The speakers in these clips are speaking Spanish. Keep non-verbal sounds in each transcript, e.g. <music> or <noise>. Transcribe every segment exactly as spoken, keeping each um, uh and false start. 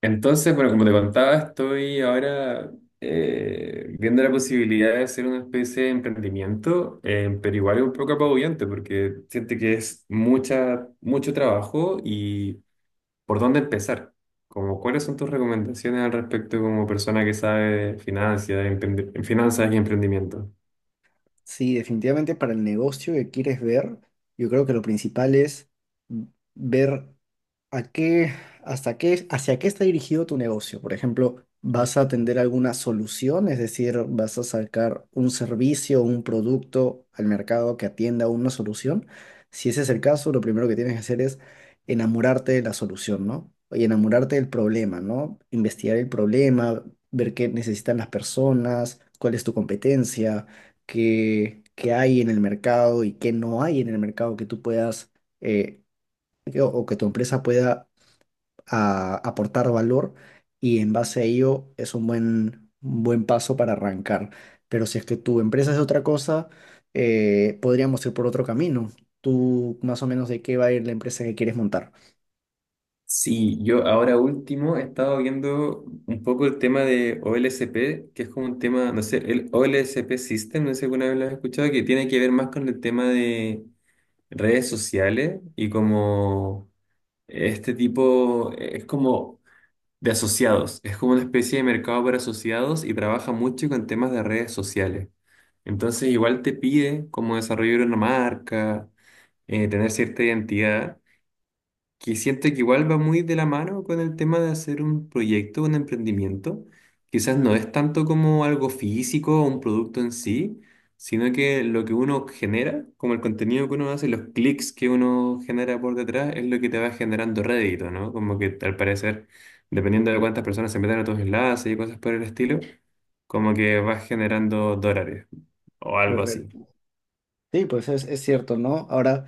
Entonces, bueno, como te contaba, estoy ahora eh, viendo la posibilidad de hacer una especie de emprendimiento, eh, pero igual es un poco apabullante porque siente que es mucha, mucho trabajo y por dónde empezar. Como, ¿cuáles son tus recomendaciones al respecto como persona que sabe de finanzas, de emprendi- finanzas y emprendimiento? Sí, definitivamente para el negocio que quieres ver, yo creo que lo principal es ver. ¿A qué, hasta qué, hacia qué está dirigido tu negocio? Por ejemplo, ¿vas a atender alguna solución? Es decir, ¿vas a sacar un servicio o un producto al mercado que atienda una solución? Si ese es el caso, lo primero que tienes que hacer es enamorarte de la solución, ¿no? Y enamorarte del problema, ¿no? Investigar el problema, ver qué necesitan las personas, cuál es tu competencia, qué, qué hay en el mercado y qué no hay en el mercado que tú puedas... eh, que- o que tu empresa pueda a aportar valor y en base a ello es un buen, un buen paso para arrancar. Pero si es que tu empresa es otra cosa, eh, podríamos ir por otro camino. ¿Tú más o menos de qué va a ir la empresa que quieres montar? Sí, yo ahora último he estado viendo un poco el tema de O L S P, que es como un tema, no sé, el O L S P System, no sé si alguna vez lo has escuchado, que tiene que ver más con el tema de redes sociales y como este tipo, eh, es como de asociados, es como una especie de mercado para asociados y trabaja mucho con temas de redes sociales. Entonces igual te pide como desarrollar una marca, eh, tener cierta identidad que siento que igual va muy de la mano con el tema de hacer un proyecto, un emprendimiento. Quizás no es tanto como algo físico o un producto en sí, sino que lo que uno genera, como el contenido que uno hace, los clics que uno genera por detrás, es lo que te va generando rédito, ¿no? Como que al parecer, dependiendo de cuántas personas se metan a tus enlaces y cosas por el estilo, como que vas generando dólares o algo así. Correcto. Sí, pues es, es cierto, ¿no? Ahora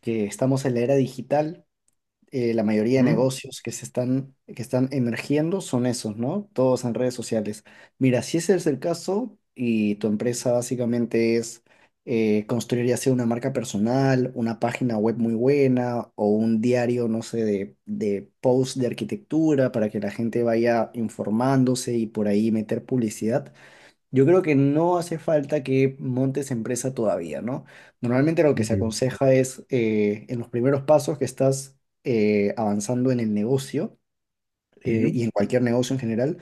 que estamos en la era digital. Eh, la mayoría de ¿Mm? negocios que se están, que están emergiendo son esos, ¿no? Todos en redes sociales. Mira, si ese es el caso y tu empresa básicamente es eh, construir ya sea una marca personal, una página web muy buena o un diario, no sé, de, de post de arquitectura para que la gente vaya informándose y por ahí meter publicidad. Yo creo que no hace falta que montes empresa todavía, ¿no? Normalmente lo que se aconseja es eh, en los primeros pasos que estás eh, avanzando en el negocio, eh, Ujú, y en cualquier negocio en general,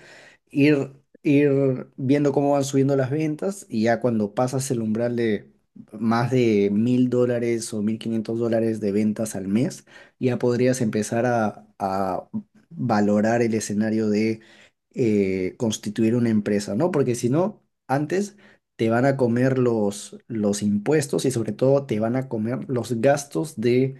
ir, ir viendo cómo van subiendo las ventas, y ya cuando pasas el umbral de más de mil dólares o mil quinientos dólares de ventas al mes, ya podrías empezar a, a valorar el escenario de eh, constituir una empresa, ¿no? Porque si no, antes te van a comer los, los impuestos, y sobre todo te van a comer los gastos de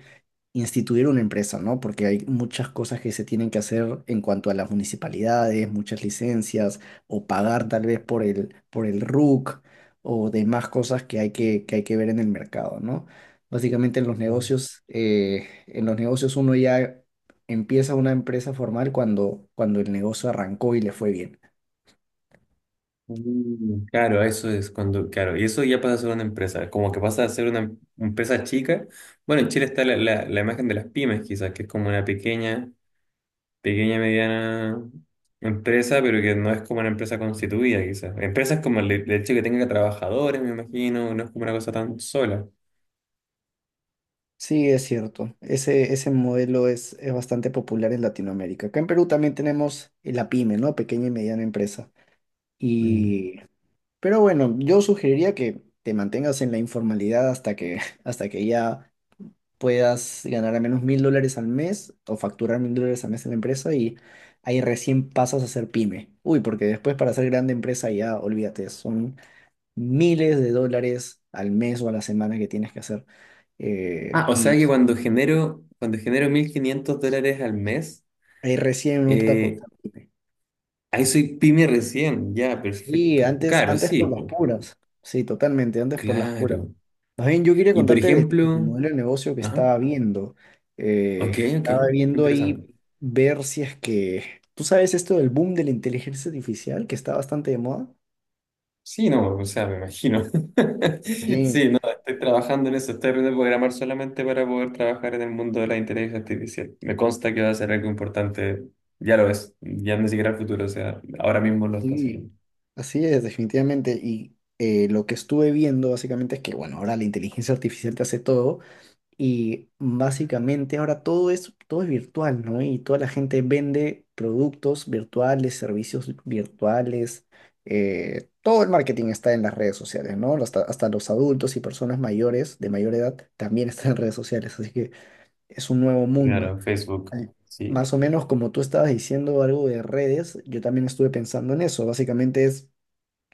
instituir una empresa, ¿no? Porque hay muchas cosas que se tienen que hacer en cuanto a las municipalidades, muchas licencias, o pagar tal vez por el, por el R U C, o demás cosas que hay que, que hay que ver en el mercado, ¿no? Básicamente en los ujú. negocios, eh, en los negocios uno ya empieza una empresa formal cuando, cuando el negocio arrancó y le fue bien. Mm, claro, eso es cuando, claro, y eso ya pasa a ser una empresa, como que pasa a ser una em- empresa chica. Bueno, en Chile está la, la, la imagen de las pymes, quizás, que es como una pequeña, pequeña, mediana empresa, pero que no es como una empresa constituida, quizás. Empresas como el, el hecho de que tenga trabajadores, me imagino, no es como una cosa tan sola. Sí, es cierto. Ese, ese modelo es, es bastante popular en Latinoamérica. Acá en Perú también tenemos la pyme, ¿no? Pequeña y mediana empresa. Mm. Y pero bueno, yo sugeriría que te mantengas en la informalidad hasta que, <laughs> hasta que ya puedas ganar al menos mil dólares al mes o facturar mil dólares al mes en la empresa, y ahí recién pasas a ser pyme. Uy, porque después para ser grande empresa ya, olvídate, son miles de dólares al mes o a la semana que tienes que hacer. Eh, Ah, o y sea que es- cuando genero, cuando genero mil quinientos dólares al mes, Ahí recién opta por eh, ser pyme. ahí soy pyme recién, ya, Sí, perfecto. antes, Claro, antes sí, por las po, puras. Sí, totalmente, antes por las puras. claro. Más bien, yo quería Y por contarte de- del ejemplo, modelo de negocio que ajá, estaba viendo. ok, Eh, ok, Estaba qué viendo ahí interesante. ver si es que... ¿Tú sabes esto del boom de la inteligencia artificial que está bastante de moda? Sí, no, o sea, me imagino. <laughs> Sí, Sí, no, estoy trabajando en eso, estoy aprendiendo a programar solamente para poder trabajar en el mundo de la inteligencia artificial. Me consta que va a ser algo importante, ya lo es, ya ni siquiera el futuro, o sea, ahora mismo lo está sí. haciendo. Así es, definitivamente. Y eh, lo que estuve viendo básicamente es que, bueno, ahora la inteligencia artificial te hace todo. Y básicamente ahora todo es, todo es virtual, ¿no? Y toda la gente vende productos virtuales, servicios virtuales. Eh, todo el marketing está en las redes sociales, ¿no? Hasta, hasta los adultos y personas mayores, de mayor edad, también <laughs> están en redes sociales. Así que es un nuevo mundo. Claro, Facebook, Al- sí. Más o menos como tú estabas diciendo algo de redes, yo también estuve pensando en eso. Básicamente es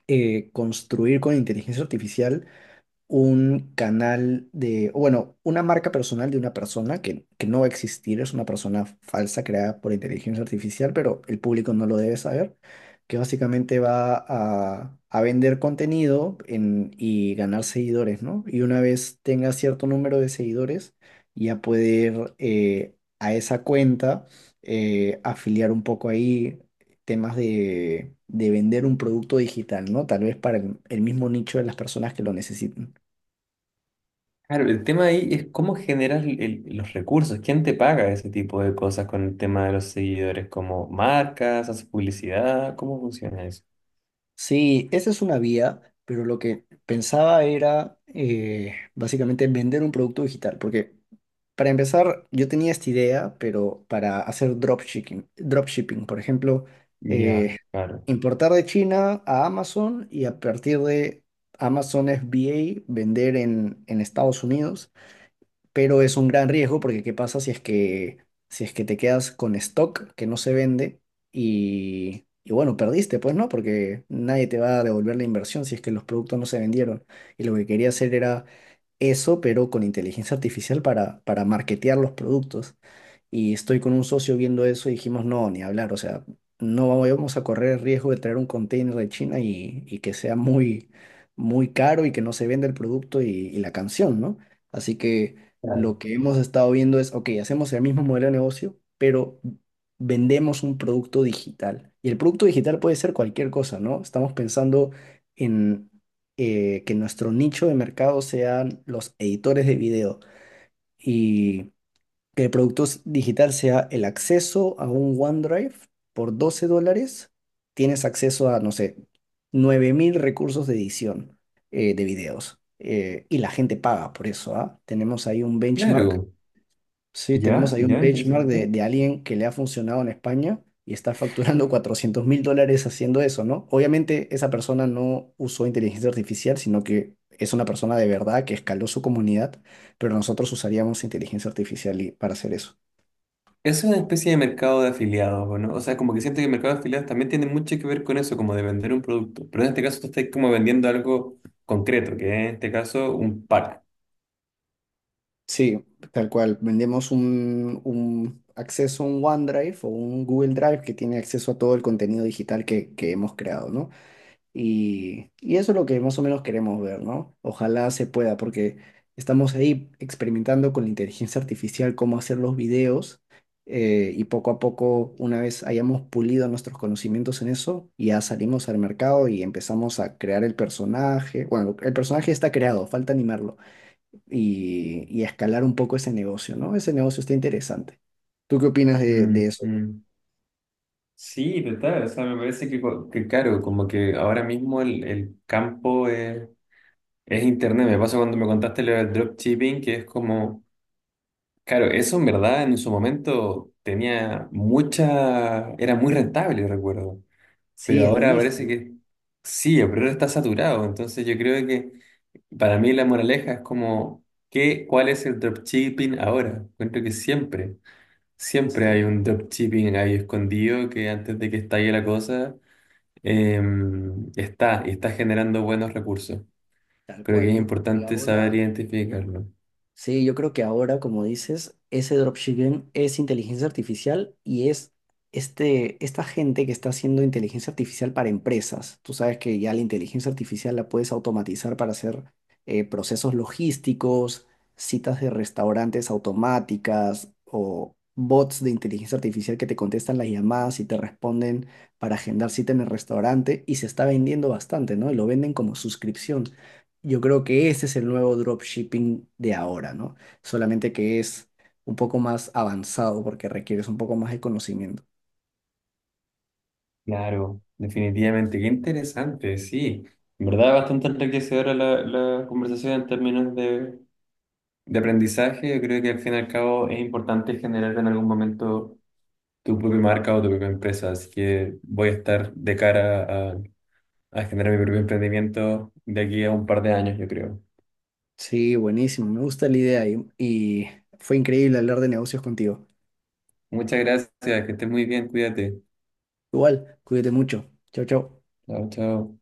eh, construir con inteligencia artificial un canal de, o bueno, una marca personal de una persona que, que no va a existir, es una persona falsa creada por inteligencia artificial, pero el público no lo debe saber, que básicamente va a, a vender contenido en- y ganar seguidores, ¿no? Y una vez tenga cierto número de seguidores, ya poder eh, a esa cuenta, eh, afiliar un poco ahí, temas de, de vender un producto digital, ¿no? Tal vez para el el mismo nicho de las personas que lo necesitan. Claro, el tema ahí es cómo generas el- el- los recursos, quién te paga ese tipo de cosas con el tema de los seguidores, como marcas, haces publicidad, ¿cómo funciona eso? Sí, esa es una vía, pero lo que pensaba era eh, básicamente vender un producto digital, porque para empezar yo tenía esta idea, pero para hacer dropshipping, dropshipping, por ejemplo, Ya, eh, claro. importar de China a Amazon, y a partir de Amazon F B A vender en, en Estados Unidos. Pero es un gran riesgo, porque ¿qué pasa si es que, si es que te quedas con stock que no se vende, y, y bueno, perdiste, pues no, porque nadie te va a devolver la inversión si es que los productos no se vendieron. Y lo que quería hacer era eso, pero con inteligencia artificial para, para marketear los productos. Y estoy con un socio viendo eso, y dijimos, no, ni hablar, o sea, no vamos a correr el riesgo de traer un container de China, y, y que sea muy, muy caro y que no se venda el producto y, y la canción, ¿no? Así que Claro. lo que hemos estado viendo es, ok, hacemos el mismo modelo de negocio, pero vendemos un producto digital. Y el producto digital puede ser cualquier cosa, ¿no? Estamos pensando en eh, que nuestro nicho de mercado sean los editores de video, que el producto s- digital sea el acceso a un OneDrive por doce dólares. Tienes acceso a, no sé, nueve mil recursos de edición eh, de videos. Eh, y la gente paga por eso, ¿ah? Tenemos ahí un benchmark. Claro. Sí, tenemos Ya, ahí un ya, benchmark interesante. de, de alguien que le ha funcionado en España y está facturando <laughs> cuatrocientos mil dólares haciendo eso, ¿no? Obviamente esa persona no usó inteligencia artificial, sino que es una persona de verdad que escaló su comunidad, pero nosotros usaríamos inteligencia artificial y- para hacer eso. Es una especie de mercado de afiliados, ¿o ¿no? O sea, como que siento que el mercado de afiliados también tiene mucho que ver con eso, como de vender un producto. Pero en este caso tú estás como vendiendo algo concreto, que es en este caso un pack. Sí, tal cual. Vendemos un, un acceso a un OneDrive o un Google Drive que tiene acceso a todo el contenido digital que, que hemos creado, ¿no? Y, y eso es lo que más o menos queremos ver, ¿no? Ojalá se pueda, porque estamos ahí experimentando con la inteligencia artificial cómo hacer los videos eh, y poco a poco, una vez hayamos pulido nuestros conocimientos en eso, ya salimos al mercado y empezamos a crear el personaje. Bueno, el personaje está creado, falta animarlo y, y escalar un poco ese negocio, ¿no? Ese negocio está interesante. ¿Tú qué opinas de, de Mm, eso? mm. Sí, total. O sea, me parece que, co- que claro, como que ahora mismo el, el campo es, es internet. Me pasa cuando me contaste lo del dropshipping, que es como, claro, eso en verdad en su momento tenía mucha, era muy rentable, recuerdo. Pero Sí, al ahora parece inicio. que sí, el problema está saturado. Entonces yo creo que para mí la moraleja es como, ¿qué, ¿cuál es el dropshipping ahora? Encuentro que siempre, siempre hay Sí, un dropshipping ahí escondido que antes de que estalle la cosa, eh, está y está generando buenos recursos. tal Creo que cual. es Yo creo que importante saber ahora identificarlo. Sí, yo creo que ahora, como dices, ese dropshipping es inteligencia artificial, y es este, esta gente que está haciendo inteligencia artificial para empresas. Tú sabes que ya la inteligencia artificial la puedes automatizar para hacer eh, procesos logísticos, citas de restaurantes automáticas o bots de inteligencia artificial que te contestan las llamadas y te responden para agendar cita en el restaurante, y se está vendiendo bastante, ¿no? Y lo venden como suscripción. Yo creo que ese es el nuevo dropshipping de ahora, ¿no? Solamente que es un poco más avanzado porque requieres un poco más de conocimiento. Claro, definitivamente. Qué interesante, sí. En verdad, bastante enriquecedora la, la conversación en términos de De aprendizaje, yo creo que al fin y al cabo es importante generar en algún momento tu propia marca o tu propia empresa, así que voy a estar de cara a, a generar mi propio emprendimiento de aquí a un par de años, yo creo. Sí, buenísimo, me gusta la idea y, y fue increíble hablar de negocios contigo. Muchas gracias, que estés muy bien, cuídate. Igual, cuídate mucho. Chao, chao. Chao, chao.